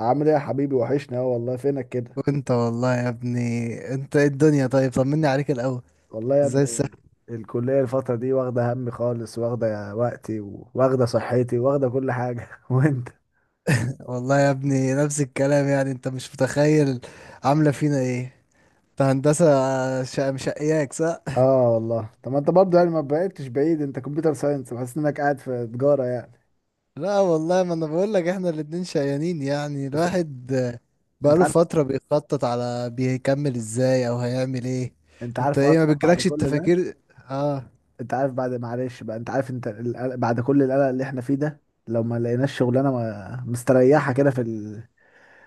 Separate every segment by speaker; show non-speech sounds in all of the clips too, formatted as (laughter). Speaker 1: عامل ايه يا حبيبي؟ وحشني اهو والله، فينك كده؟
Speaker 2: وانت والله يا ابني. انت ايه الدنيا؟ طيب طمني عليك الاول.
Speaker 1: والله يا
Speaker 2: ازاي السنة؟
Speaker 1: ابني، الكلية الفترة دي واخدة همي خالص، واخدة وقتي واخدة صحتي، واخدة كل حاجة. (laughs) وانت؟
Speaker 2: والله يا ابني نفس الكلام، يعني انت مش متخيل عاملة فينا ايه. انت هندسة، مشقياك صح؟
Speaker 1: اه والله. طب ما انت برضه يعني ما بعدتش بعيد، انت كمبيوتر ساينس، بحس انك قاعد في تجارة يعني.
Speaker 2: لا والله، ما انا بقول لك احنا الاتنين شقيانين، يعني
Speaker 1: بس
Speaker 2: الواحد
Speaker 1: انت
Speaker 2: بقاله
Speaker 1: عارف،
Speaker 2: فترة بيخطط على بيكمل ازاي او هيعمل ايه.
Speaker 1: انت
Speaker 2: انت
Speaker 1: عارف
Speaker 2: ايه، ما
Speaker 1: اصلا بعد
Speaker 2: بتجيلكش
Speaker 1: كل ده.
Speaker 2: التفاكير؟ اه.
Speaker 1: انت عارف بعد، معلش بقى، انت عارف، بعد كل القلق اللي احنا فيه ده، لو ما لقيناش شغلانه مستريحه كده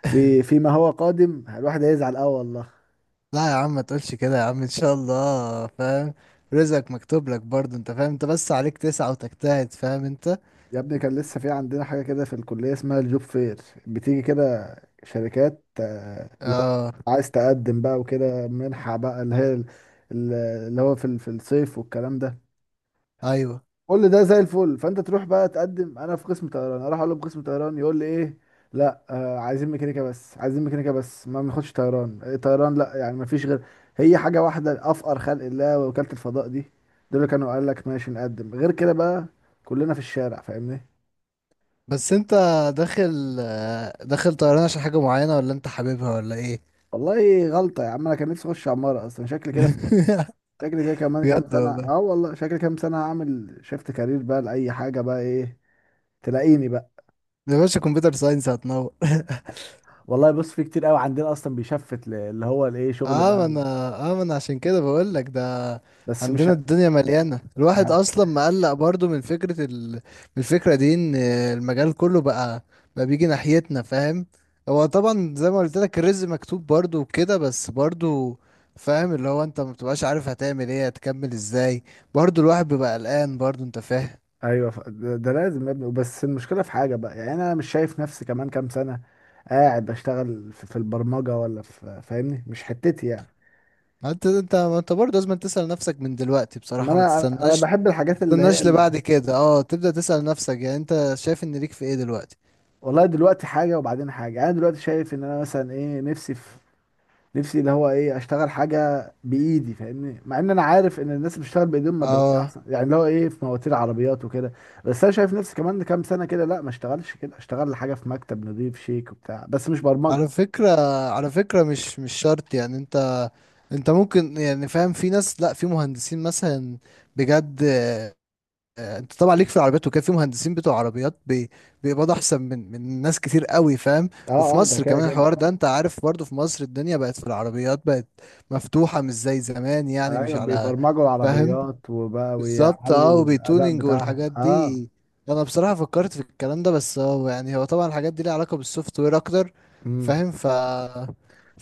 Speaker 1: في فيما هو قادم، الواحد هيزعل، اه والله.
Speaker 2: لا يا عم ما تقولش كده يا عم، ان شاء الله فاهم، رزقك مكتوب لك برضه انت فاهم، انت بس عليك تسعى وتجتهد فاهم انت.
Speaker 1: يا ابني كان لسه في عندنا حاجة كده في الكلية اسمها الجوب فير، بتيجي كده شركات، لو
Speaker 2: اه.
Speaker 1: عايز تقدم بقى وكده، منحة بقى ال- اللي هو في الصيف والكلام ده.
Speaker 2: ايوه،
Speaker 1: كل ده زي الفل، فانت تروح بقى تقدم، انا في قسم طيران، اروح اقول له في قسم طيران، يقول لي ايه؟ لا عايزين ميكانيكا بس، عايزين ميكانيكا بس، ما بناخدش طيران. إيه طيران لا يعني؟ ما فيش غير هي حاجة واحدة، افقر خلق الله وكالة الفضاء دي، دول اللي كانوا قال لك ماشي نقدم غير كده بقى؟ كلنا في الشارع فاهمني.
Speaker 2: بس انت داخل داخل طيران عشان حاجة معينة، ولا انت حاببها ولا ايه؟
Speaker 1: والله غلطة يا عم، أنا كان نفسي أخش عمارة أصلا، شكلي كده،
Speaker 2: (laughs)
Speaker 1: شكلي كده كمان كام
Speaker 2: بجد
Speaker 1: سنة
Speaker 2: والله،
Speaker 1: أه والله، شكلي كام سنة هعمل شيفت كارير بقى لأي حاجة بقى، إيه تلاقيني بقى.
Speaker 2: يا باشا كمبيوتر ساينس هتنور.
Speaker 1: والله بص، في كتير قوي عندنا أصلا بيشفت اللي هو الإيه، شغل
Speaker 2: اه
Speaker 1: بقى.
Speaker 2: ما انا، اه ما انا عشان كده بقول لك ده.
Speaker 1: بس مش ه...
Speaker 2: عندنا الدنيا مليانه، الواحد
Speaker 1: ه-
Speaker 2: اصلا مقلق برضو من فكره من الفكره دي ان المجال كله بقى، بقى بيجي ناحيتنا فاهم. هو طبعا زي ما قلت لك الرزق مكتوب برضو وكده، بس برضو فاهم، اللي هو انت ما بتبقاش عارف هتعمل ايه هتكمل ازاي. برضو الواحد بيبقى قلقان برضو انت فاهم.
Speaker 1: أيوه ده لازم يا ابني، بس المشكلة في حاجة بقى، يعني أنا مش شايف نفسي كمان كام سنة قاعد بشتغل في البرمجة ولا في، فاهمني؟ مش حتتي يعني.
Speaker 2: انت ما انت برضو لازم تسأل نفسك من دلوقتي
Speaker 1: ما
Speaker 2: بصراحه، ما
Speaker 1: انا انا
Speaker 2: تستناش،
Speaker 1: بحب
Speaker 2: ما
Speaker 1: الحاجات
Speaker 2: تستناش لبعد كده. اه، تبدأ تسأل نفسك يعني انت شايف ان ليك في ايه دلوقتي.
Speaker 1: والله دلوقتي حاجه وبعدين حاجه، يعني انا دلوقتي شايف ان انا مثلا ايه، نفسي في، نفسي اللي هو ايه، اشتغل حاجه بايدي فاهمني، مع ان انا عارف ان الناس اللي بتشتغل بايديهم ما بياخدوش
Speaker 2: اه.
Speaker 1: احسن، يعني اللي هو ايه، في مواتير عربيات وكده. بس انا شايف نفسي كمان كام سنه كده لا، ما اشتغلش كده، اشتغل حاجه في مكتب نضيف شيك وبتاع بس، مش برمجه.
Speaker 2: على فكرة، على فكرة مش شرط يعني انت، انت ممكن يعني فاهم، في ناس لا في مهندسين مثلا. بجد انت طبعا ليك في العربيات وكده، في مهندسين بتوع عربيات بيقبضوا احسن من ناس كتير قوي فاهم. وفي
Speaker 1: اه اه، ده
Speaker 2: مصر
Speaker 1: كده
Speaker 2: كمان
Speaker 1: كده.
Speaker 2: الحوار ده انت عارف، برضو في مصر الدنيا بقت في العربيات، بقت مفتوحة مش زي زمان يعني مش
Speaker 1: ايوه
Speaker 2: على
Speaker 1: بيبرمجوا
Speaker 2: فاهم.
Speaker 1: العربيات وبقى
Speaker 2: بالظبط،
Speaker 1: ويعلوا
Speaker 2: اه،
Speaker 1: الاداء
Speaker 2: وبيتونينج
Speaker 1: بتاعها،
Speaker 2: والحاجات
Speaker 1: اه.
Speaker 2: دي. انا بصراحه فكرت في الكلام ده، بس هو يعني هو طبعا الحاجات دي ليها علاقه بالسوفت وير اكتر
Speaker 1: امم
Speaker 2: فاهم. ف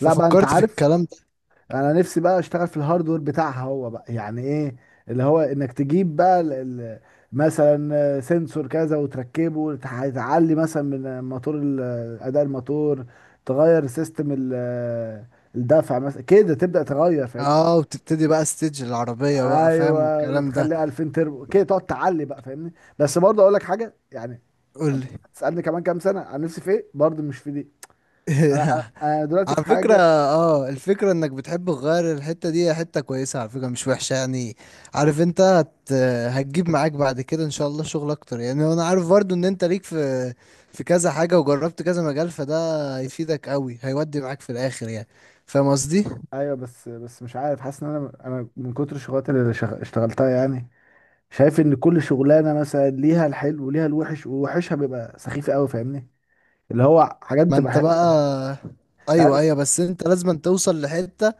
Speaker 1: لا بقى انت
Speaker 2: في
Speaker 1: عارف،
Speaker 2: الكلام ده.
Speaker 1: انا نفسي بقى اشتغل في الهاردوير بتاعها، هو بقى يعني ايه، اللي هو انك تجيب بقى مثلا سنسور كذا وتركبه، تعلي مثلا من موتور اداء الموتور، تغير سيستم الدفع مثلا كده، تبدأ تغير فاهمني.
Speaker 2: اه، وبتبتدي بقى ستيج العربيه بقى فاهم
Speaker 1: ايوه
Speaker 2: والكلام ده.
Speaker 1: وتخليها 2000 تربو كده، تقعد تعلي بقى فاهمني. بس برضه اقول لك حاجه يعني،
Speaker 2: قول
Speaker 1: طب
Speaker 2: لي.
Speaker 1: هتسألني كمان كام سنه عن نفسي في ايه؟ برضه مش في دي.
Speaker 2: (laughs)
Speaker 1: انا أنا دلوقتي في
Speaker 2: على فكرة
Speaker 1: حاجه.
Speaker 2: اه، الفكرة انك بتحب تغير الحتة دي هي حتة كويسة على فكرة، مش وحشة يعني. عارف انت هتجيب معاك بعد كده ان شاء الله شغل اكتر، يعني انا عارف برضو ان انت ليك في في كذا حاجة وجربت كذا مجال، فده هيفيدك قوي، هيودي معاك في الاخر يعني. فاهم قصدي.
Speaker 1: ايوه بس، بس مش عارف، حاسس ان انا من كتر الشغلات اشتغلتها يعني، شايف ان كل شغلانه مثلا ليها الحلو وليها الوحش، ووحشها بيبقى سخيف قوي فاهمني. اللي هو حاجات
Speaker 2: ما
Speaker 1: بتبقى
Speaker 2: انت بقى.
Speaker 1: حلوه يعني،
Speaker 2: ايوه ايوه، بس انت لازم أن توصل لحتة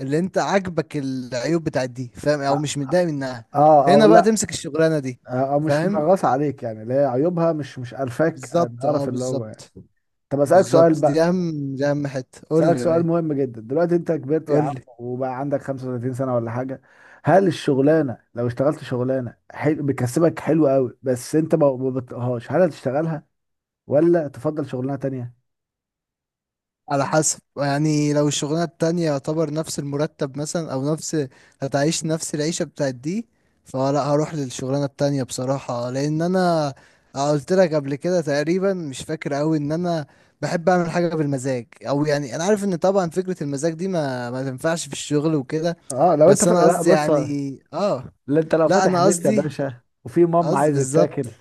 Speaker 2: اللي انت عاجبك العيوب بتاعت دي فاهم، او مش متضايق منها.
Speaker 1: اه او
Speaker 2: هنا بقى
Speaker 1: لا،
Speaker 2: تمسك الشغلانة دي.
Speaker 1: او مش
Speaker 2: فاهم.
Speaker 1: منغصه عليك يعني، اللي هي عيوبها مش، مش الفاك
Speaker 2: بالظبط اه،
Speaker 1: القرف اللي هو يعني.
Speaker 2: بالظبط.
Speaker 1: طب اسالك سؤال
Speaker 2: بالظبط،
Speaker 1: بقى،
Speaker 2: دي اهم، دي اهم حته. قول
Speaker 1: اسالك
Speaker 2: لي يا
Speaker 1: سؤال
Speaker 2: ري.
Speaker 1: مهم جدا، دلوقتي انت كبرت يا
Speaker 2: قول
Speaker 1: عم،
Speaker 2: لي.
Speaker 1: وبقى عندك 35 سنه ولا حاجه، هل الشغلانه لو اشتغلت شغلانه حلو بتكسبك حلو قوي بس انت ما بتطيقهاش، هل هتشتغلها ولا تفضل شغلانه تانية؟
Speaker 2: على حسب، يعني لو الشغلانه التانية يعتبر نفس المرتب مثلا، او نفس هتعيش نفس العيشه بتاعت دي، فلا هروح للشغلانه التانية بصراحه. لان انا قلت لك قبل كده تقريبا، مش فاكر قوي، ان انا بحب اعمل حاجه بالمزاج، او يعني انا عارف ان طبعا فكره المزاج دي ما تنفعش في الشغل وكده،
Speaker 1: اه لو انت
Speaker 2: بس انا
Speaker 1: لا
Speaker 2: قصدي
Speaker 1: بص، لا،
Speaker 2: يعني اه.
Speaker 1: انت لو
Speaker 2: لا
Speaker 1: فاتح
Speaker 2: انا
Speaker 1: بيت يا
Speaker 2: قصدي،
Speaker 1: باشا وفي مام
Speaker 2: قصدي
Speaker 1: عايزه
Speaker 2: بالظبط،
Speaker 1: تاكل،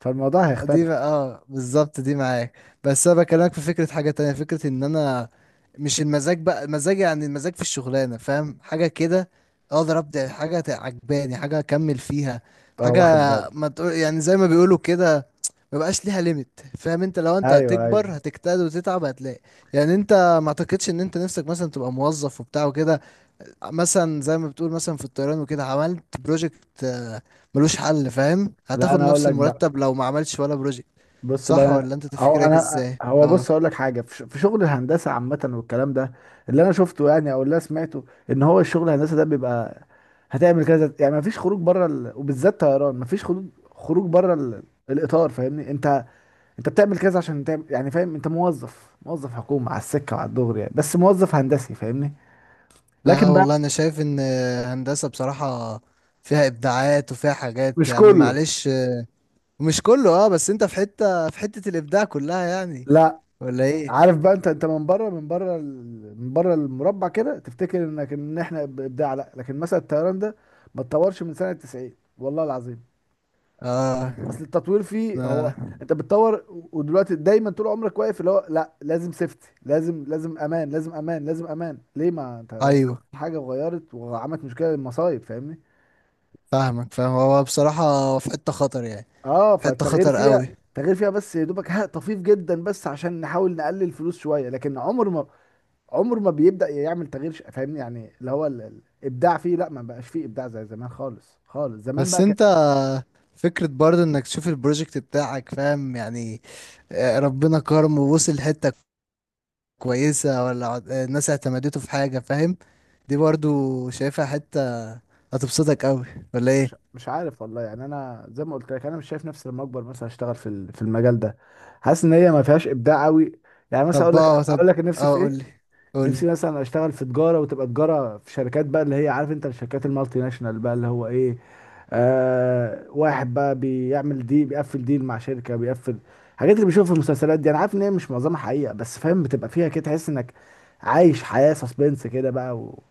Speaker 1: فالموضوع هيختلف.
Speaker 2: اه بالظبط دي معاك. بس انا بكلمك في فكره حاجه تانية، فكره ان انا مش المزاج بقى، المزاج يعني المزاج في الشغلانه فاهم، حاجه كده اقدر ابدع، حاجه عجباني، حاجه اكمل فيها،
Speaker 1: اه
Speaker 2: حاجه
Speaker 1: واخد بالي.
Speaker 2: ما تقول، يعني زي ما بيقولوا كده ما بقاش ليها ليميت فاهم انت، لو انت
Speaker 1: ايوه ايوه.
Speaker 2: هتكبر هتجتهد وتتعب هتلاقي، يعني انت ما اعتقدش ان انت نفسك مثلا تبقى موظف وبتاع وكده. مثلا زي ما بتقول مثلا في الطيران وكده، عملت بروجكت ملوش حل فاهم،
Speaker 1: لا
Speaker 2: هتاخد
Speaker 1: انا هقول
Speaker 2: نفس
Speaker 1: لك بقى،
Speaker 2: المرتب لو ما عملتش ولا بروجكت.
Speaker 1: بص
Speaker 2: صح
Speaker 1: بقى،
Speaker 2: ولا انت
Speaker 1: هو
Speaker 2: تفكيرك
Speaker 1: انا
Speaker 2: ازاي؟
Speaker 1: هو
Speaker 2: اه.
Speaker 1: بص هقول لك حاجه في شغل الهندسه عامه والكلام ده، اللي انا شفته يعني او اللي انا سمعته، ان هو الشغل الهندسه ده بيبقى، هتعمل كذا يعني، مفيش خروج بره وبالذات طيران، مفيش خروج، خروج بره ال... الاطار فاهمني. انت، انت بتعمل كذا عشان تعمل يعني، فاهم؟ انت موظف، موظف حكومة على السكة وعلى الدغري يعني، بس موظف هندسي فاهمني.
Speaker 2: لا
Speaker 1: لكن بقى،
Speaker 2: والله انا شايف ان هندسة بصراحة فيها ابداعات وفيها حاجات
Speaker 1: مش
Speaker 2: يعني،
Speaker 1: كله،
Speaker 2: معلش مش كله، اه، بس انت في حتة، في حتة الابداع كلها يعني،
Speaker 1: لا.
Speaker 2: ولا ايه؟
Speaker 1: عارف بقى، انت، انت من بره، من بره المربع كده تفتكر انك، ان احنا بابداع، لا، لكن مثلا الطيران ده ما اتطورش من سنة 90، والله العظيم.
Speaker 2: اه.
Speaker 1: اصل التطوير فيه هو،
Speaker 2: آه.
Speaker 1: انت بتطور، ودلوقتي دايما طول عمرك واقف اللي هو لا، لازم سيفتي، لازم، لازم امان، لازم امان، لازم امان، ليه؟ ما انت لو
Speaker 2: ايوه.
Speaker 1: حاجة غيرت وعملت مشكلة، للمصايب فاهمني.
Speaker 2: فاهمك فاهم، هو بصراحة في حتة خطر يعني،
Speaker 1: اه
Speaker 2: في حتة
Speaker 1: فالتغيير
Speaker 2: خطر
Speaker 1: فيها،
Speaker 2: قوي.
Speaker 1: التغيير فيها بس يا دوبك ها طفيف جدا، بس عشان نحاول نقلل فلوس شويه، لكن عمر ما، عمر ما بيبدأ يعمل فاهمني يعني، اللي هو الابداع فيه، لا ما بقاش فيه ابداع زي زمان خالص، خالص زمان
Speaker 2: بس
Speaker 1: بقى كان.
Speaker 2: انت فكرة برضه انك تشوف البروجكت بتاعك فاهم يعني، ربنا كرم ووصل حتة كويسة، ولا الناس اعتمدته في حاجة فاهم. دي برضه شايفها حتة هتبسطك قوي، ولا ايه؟
Speaker 1: مش عارف والله يعني، انا زي ما قلت لك، انا مش شايف نفسي لما اكبر مثلا اشتغل في المجال ده، حاسس ان هي ما فيهاش ابداع قوي يعني. مثلا اقول
Speaker 2: طب
Speaker 1: لك،
Speaker 2: اه
Speaker 1: اقول
Speaker 2: طب،
Speaker 1: لك نفسي
Speaker 2: اه
Speaker 1: في ايه،
Speaker 2: قولي،
Speaker 1: نفسي
Speaker 2: قولي.
Speaker 1: مثلا اشتغل في تجاره، وتبقى تجاره في شركات بقى، اللي هي عارف انت، الشركات المالتي ناشونال بقى، اللي هو ايه، آه واحد بقى بيعمل دي، بيقفل ديل مع شركه، بيقفل، الحاجات اللي بنشوفها في المسلسلات دي، انا عارف ان هي مش معظمها حقيقه بس فاهم، بتبقى فيها كده تحس انك عايش حياه سسبنس كده بقى و...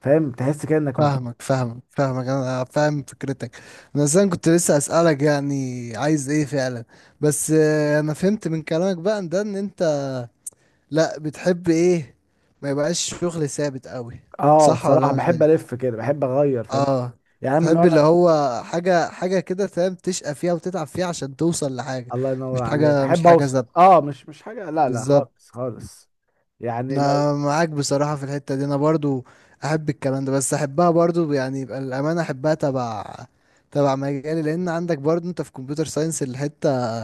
Speaker 1: فاهم، تحس كده انك مبسوط.
Speaker 2: فاهمك فاهمك فاهمك، انا فاهم فكرتك. انا اصلا كنت لسه اسألك يعني عايز ايه فعلا، بس انا فهمت من كلامك بقى ان ده ان انت لا بتحب ايه ما يبقاش شغل ثابت قوي،
Speaker 1: اه
Speaker 2: صح ولا
Speaker 1: صراحه،
Speaker 2: انا؟
Speaker 1: بحب الف كده، بحب اغير فاهم،
Speaker 2: اه.
Speaker 1: يعني أنا من
Speaker 2: تحب
Speaker 1: نوع،
Speaker 2: اللي هو حاجة، حاجة كده فاهم، تشقى فيها وتتعب فيها عشان توصل لحاجة،
Speaker 1: الله ينور
Speaker 2: مش
Speaker 1: عليك،
Speaker 2: حاجة، مش
Speaker 1: احب
Speaker 2: حاجة
Speaker 1: اوصل، اه مش، مش حاجه لا، لا
Speaker 2: بالظبط.
Speaker 1: خالص خالص، يعني لو،
Speaker 2: انا معاك بصراحة في الحتة دي، انا برضو احب الكلام ده، بس احبها برضو يعني يبقى الامانة، احبها تبع تبع مجالي، لان عندك برضو انت في كمبيوتر ساينس الحتة،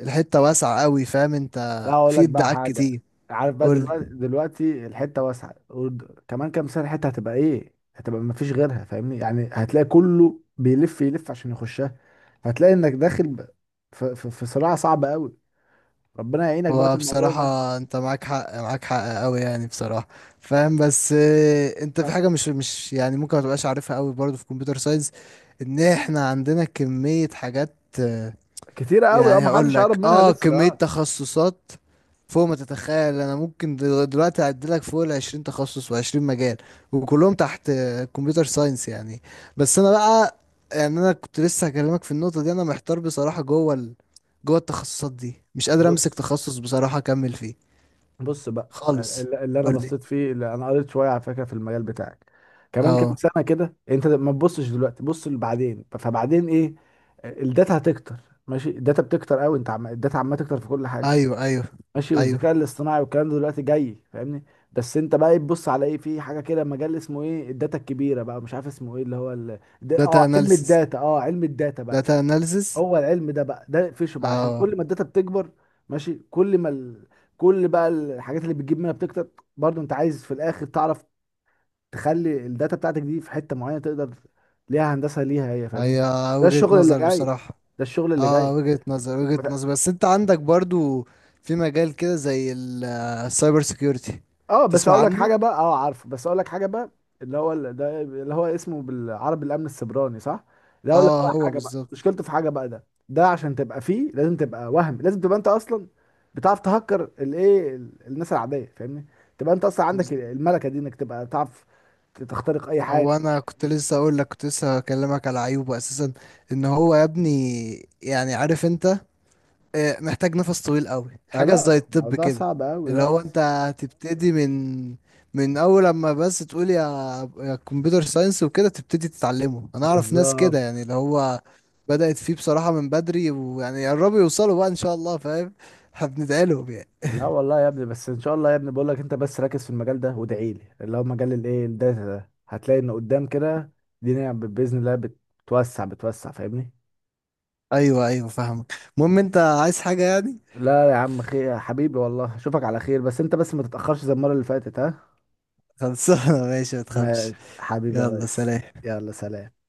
Speaker 2: الحتة واسعة قوي فاهم انت،
Speaker 1: لا اقول
Speaker 2: في
Speaker 1: لك بقى
Speaker 2: ابداعات
Speaker 1: حاجه.
Speaker 2: كتير.
Speaker 1: عارف بقى
Speaker 2: قولي.
Speaker 1: دلوقتي، دلوقتي الحته واسعه كمان كام سنه الحته هتبقى ايه، هتبقى ما فيش غيرها فاهمني، يعني هتلاقي كله بيلف يلف عشان يخشها، هتلاقي انك في صراع صعب قوي، ربنا يعينك بقى في
Speaker 2: هو
Speaker 1: الموضوع ده.
Speaker 2: بصراحة انت معاك حق، معاك حق قوي يعني بصراحة فاهم، بس اه، انت في
Speaker 1: أنا-
Speaker 2: حاجة مش يعني ممكن ما تبقاش عارفها قوي برضو في كمبيوتر ساينس، ان احنا عندنا كمية حاجات.
Speaker 1: كتير قوي اه،
Speaker 2: يعني
Speaker 1: ما
Speaker 2: هقول
Speaker 1: حدش قرب
Speaker 2: لك
Speaker 1: منها
Speaker 2: اه،
Speaker 1: لسه
Speaker 2: كمية
Speaker 1: اه.
Speaker 2: تخصصات فوق ما تتخيل، انا ممكن دلوقتي اعدلك فوق ال 20 تخصص و20 مجال، وكلهم تحت كمبيوتر ساينس يعني. بس انا بقى، يعني انا كنت لسه هكلمك في النقطة دي، انا محتار بصراحة جوه جوه التخصصات دي، مش قادر امسك
Speaker 1: بص،
Speaker 2: تخصص بصراحة اكمل فيه
Speaker 1: بص بقى
Speaker 2: خالص.
Speaker 1: اللي انا
Speaker 2: قول لي.
Speaker 1: بصيت فيه، اللي انا قريت شويه على فكره في المجال بتاعك، كمان كام
Speaker 2: اه.
Speaker 1: سنه كده، انت ما تبصش دلوقتي، بص لبعدين، فبعدين ايه، الداتا هتكتر، ماشي، الداتا بتكتر قوي، انت الداتا عماله تكتر في كل حاجه،
Speaker 2: ايوه ايوه
Speaker 1: ماشي،
Speaker 2: ايوه.
Speaker 1: والذكاء الاصطناعي والكلام ده دلوقتي جاي فاهمني. بس انت بقى إيه، تبص على ايه، في حاجه كده مجال اسمه ايه، الداتا الكبيره بقى، مش عارف اسمه ايه، اللي هو
Speaker 2: داتا
Speaker 1: اه علم
Speaker 2: اناليسس،
Speaker 1: الداتا، اه علم الداتا بقى،
Speaker 2: داتا اناليسس.
Speaker 1: هو العلم ده بقى، ده فيشه بقى، عشان
Speaker 2: اه،
Speaker 1: كل ما الداتا بتكبر، ماشي، كل ما كل بقى الحاجات اللي بتجيب منها بتكتر، برضو انت عايز في الاخر تعرف تخلي الداتا بتاعتك دي في حتة معينة تقدر، ليها هندسة ليها هي فاهمني،
Speaker 2: هي
Speaker 1: ده
Speaker 2: وجهة
Speaker 1: الشغل اللي
Speaker 2: نظر
Speaker 1: جاي،
Speaker 2: بصراحة.
Speaker 1: ده الشغل اللي جاي.
Speaker 2: اه، وجهة نظر، وجهة نظر، بس انت عندك برضو في مجال كده زي السايبر سيكيورتي،
Speaker 1: اه بس
Speaker 2: تسمع
Speaker 1: اقول لك
Speaker 2: عنه.
Speaker 1: حاجه بقى، اه عارفه، بس اقول لك حاجه بقى، اللي هو ده اللي هو اسمه بالعربي الامن السيبراني، صح؟ ده اقول لك
Speaker 2: اه
Speaker 1: بقى
Speaker 2: هو
Speaker 1: حاجه بقى،
Speaker 2: بالظبط.
Speaker 1: مشكلته في حاجه بقى ده، ده عشان تبقى فيه لازم تبقى وهم، لازم تبقى انت اصلا بتعرف تهكر الايه الناس العاديه فاهمني، تبقى انت اصلا عندك
Speaker 2: بز-
Speaker 1: الملكه دي، انك تبقى تعرف تخترق اي حاجه.
Speaker 2: هو انا كنت لسه اقول لك، كنت لسه اكلمك على عيوبه اساسا، ان هو يا ابني، يعني عارف انت، محتاج نفس طويل قوي،
Speaker 1: آه
Speaker 2: حاجة زي
Speaker 1: لا،
Speaker 2: الطب
Speaker 1: الموضوع
Speaker 2: كده.
Speaker 1: صعب قوي
Speaker 2: اللي
Speaker 1: لا.
Speaker 2: هو انت هتبتدي من من اول لما بس تقول يا، يا كمبيوتر ساينس وكده تبتدي تتعلمه. انا اعرف ناس كده
Speaker 1: بالظبط.
Speaker 2: يعني، اللي هو بدأت فيه بصراحة من بدري، ويعني قربوا يوصلوا بقى ان شاء الله فاهم، هبندعي لهم يعني.
Speaker 1: لا
Speaker 2: (laughs)
Speaker 1: والله يا ابني، بس ان شاء الله يا ابني، بقول لك انت بس ركز في المجال ده وادعي لي، اللي هو مجال الايه الداتا ده، هتلاقي ان قدام كده الدنيا باذن الله بتوسع، بتوسع فاهمني.
Speaker 2: ايوه ايوه فاهمك. المهم انت عايز حاجة يعني.
Speaker 1: لا يا عم خير يا حبيبي، والله اشوفك على خير، بس انت بس ما تتاخرش زي المره اللي فاتت، ها؟
Speaker 2: خلصانة. (laughs) ماشي ما
Speaker 1: (laughs)
Speaker 2: تخافش.
Speaker 1: ماشي حبيبي يا
Speaker 2: يلا
Speaker 1: ريس.
Speaker 2: سلام.
Speaker 1: يلا سلام.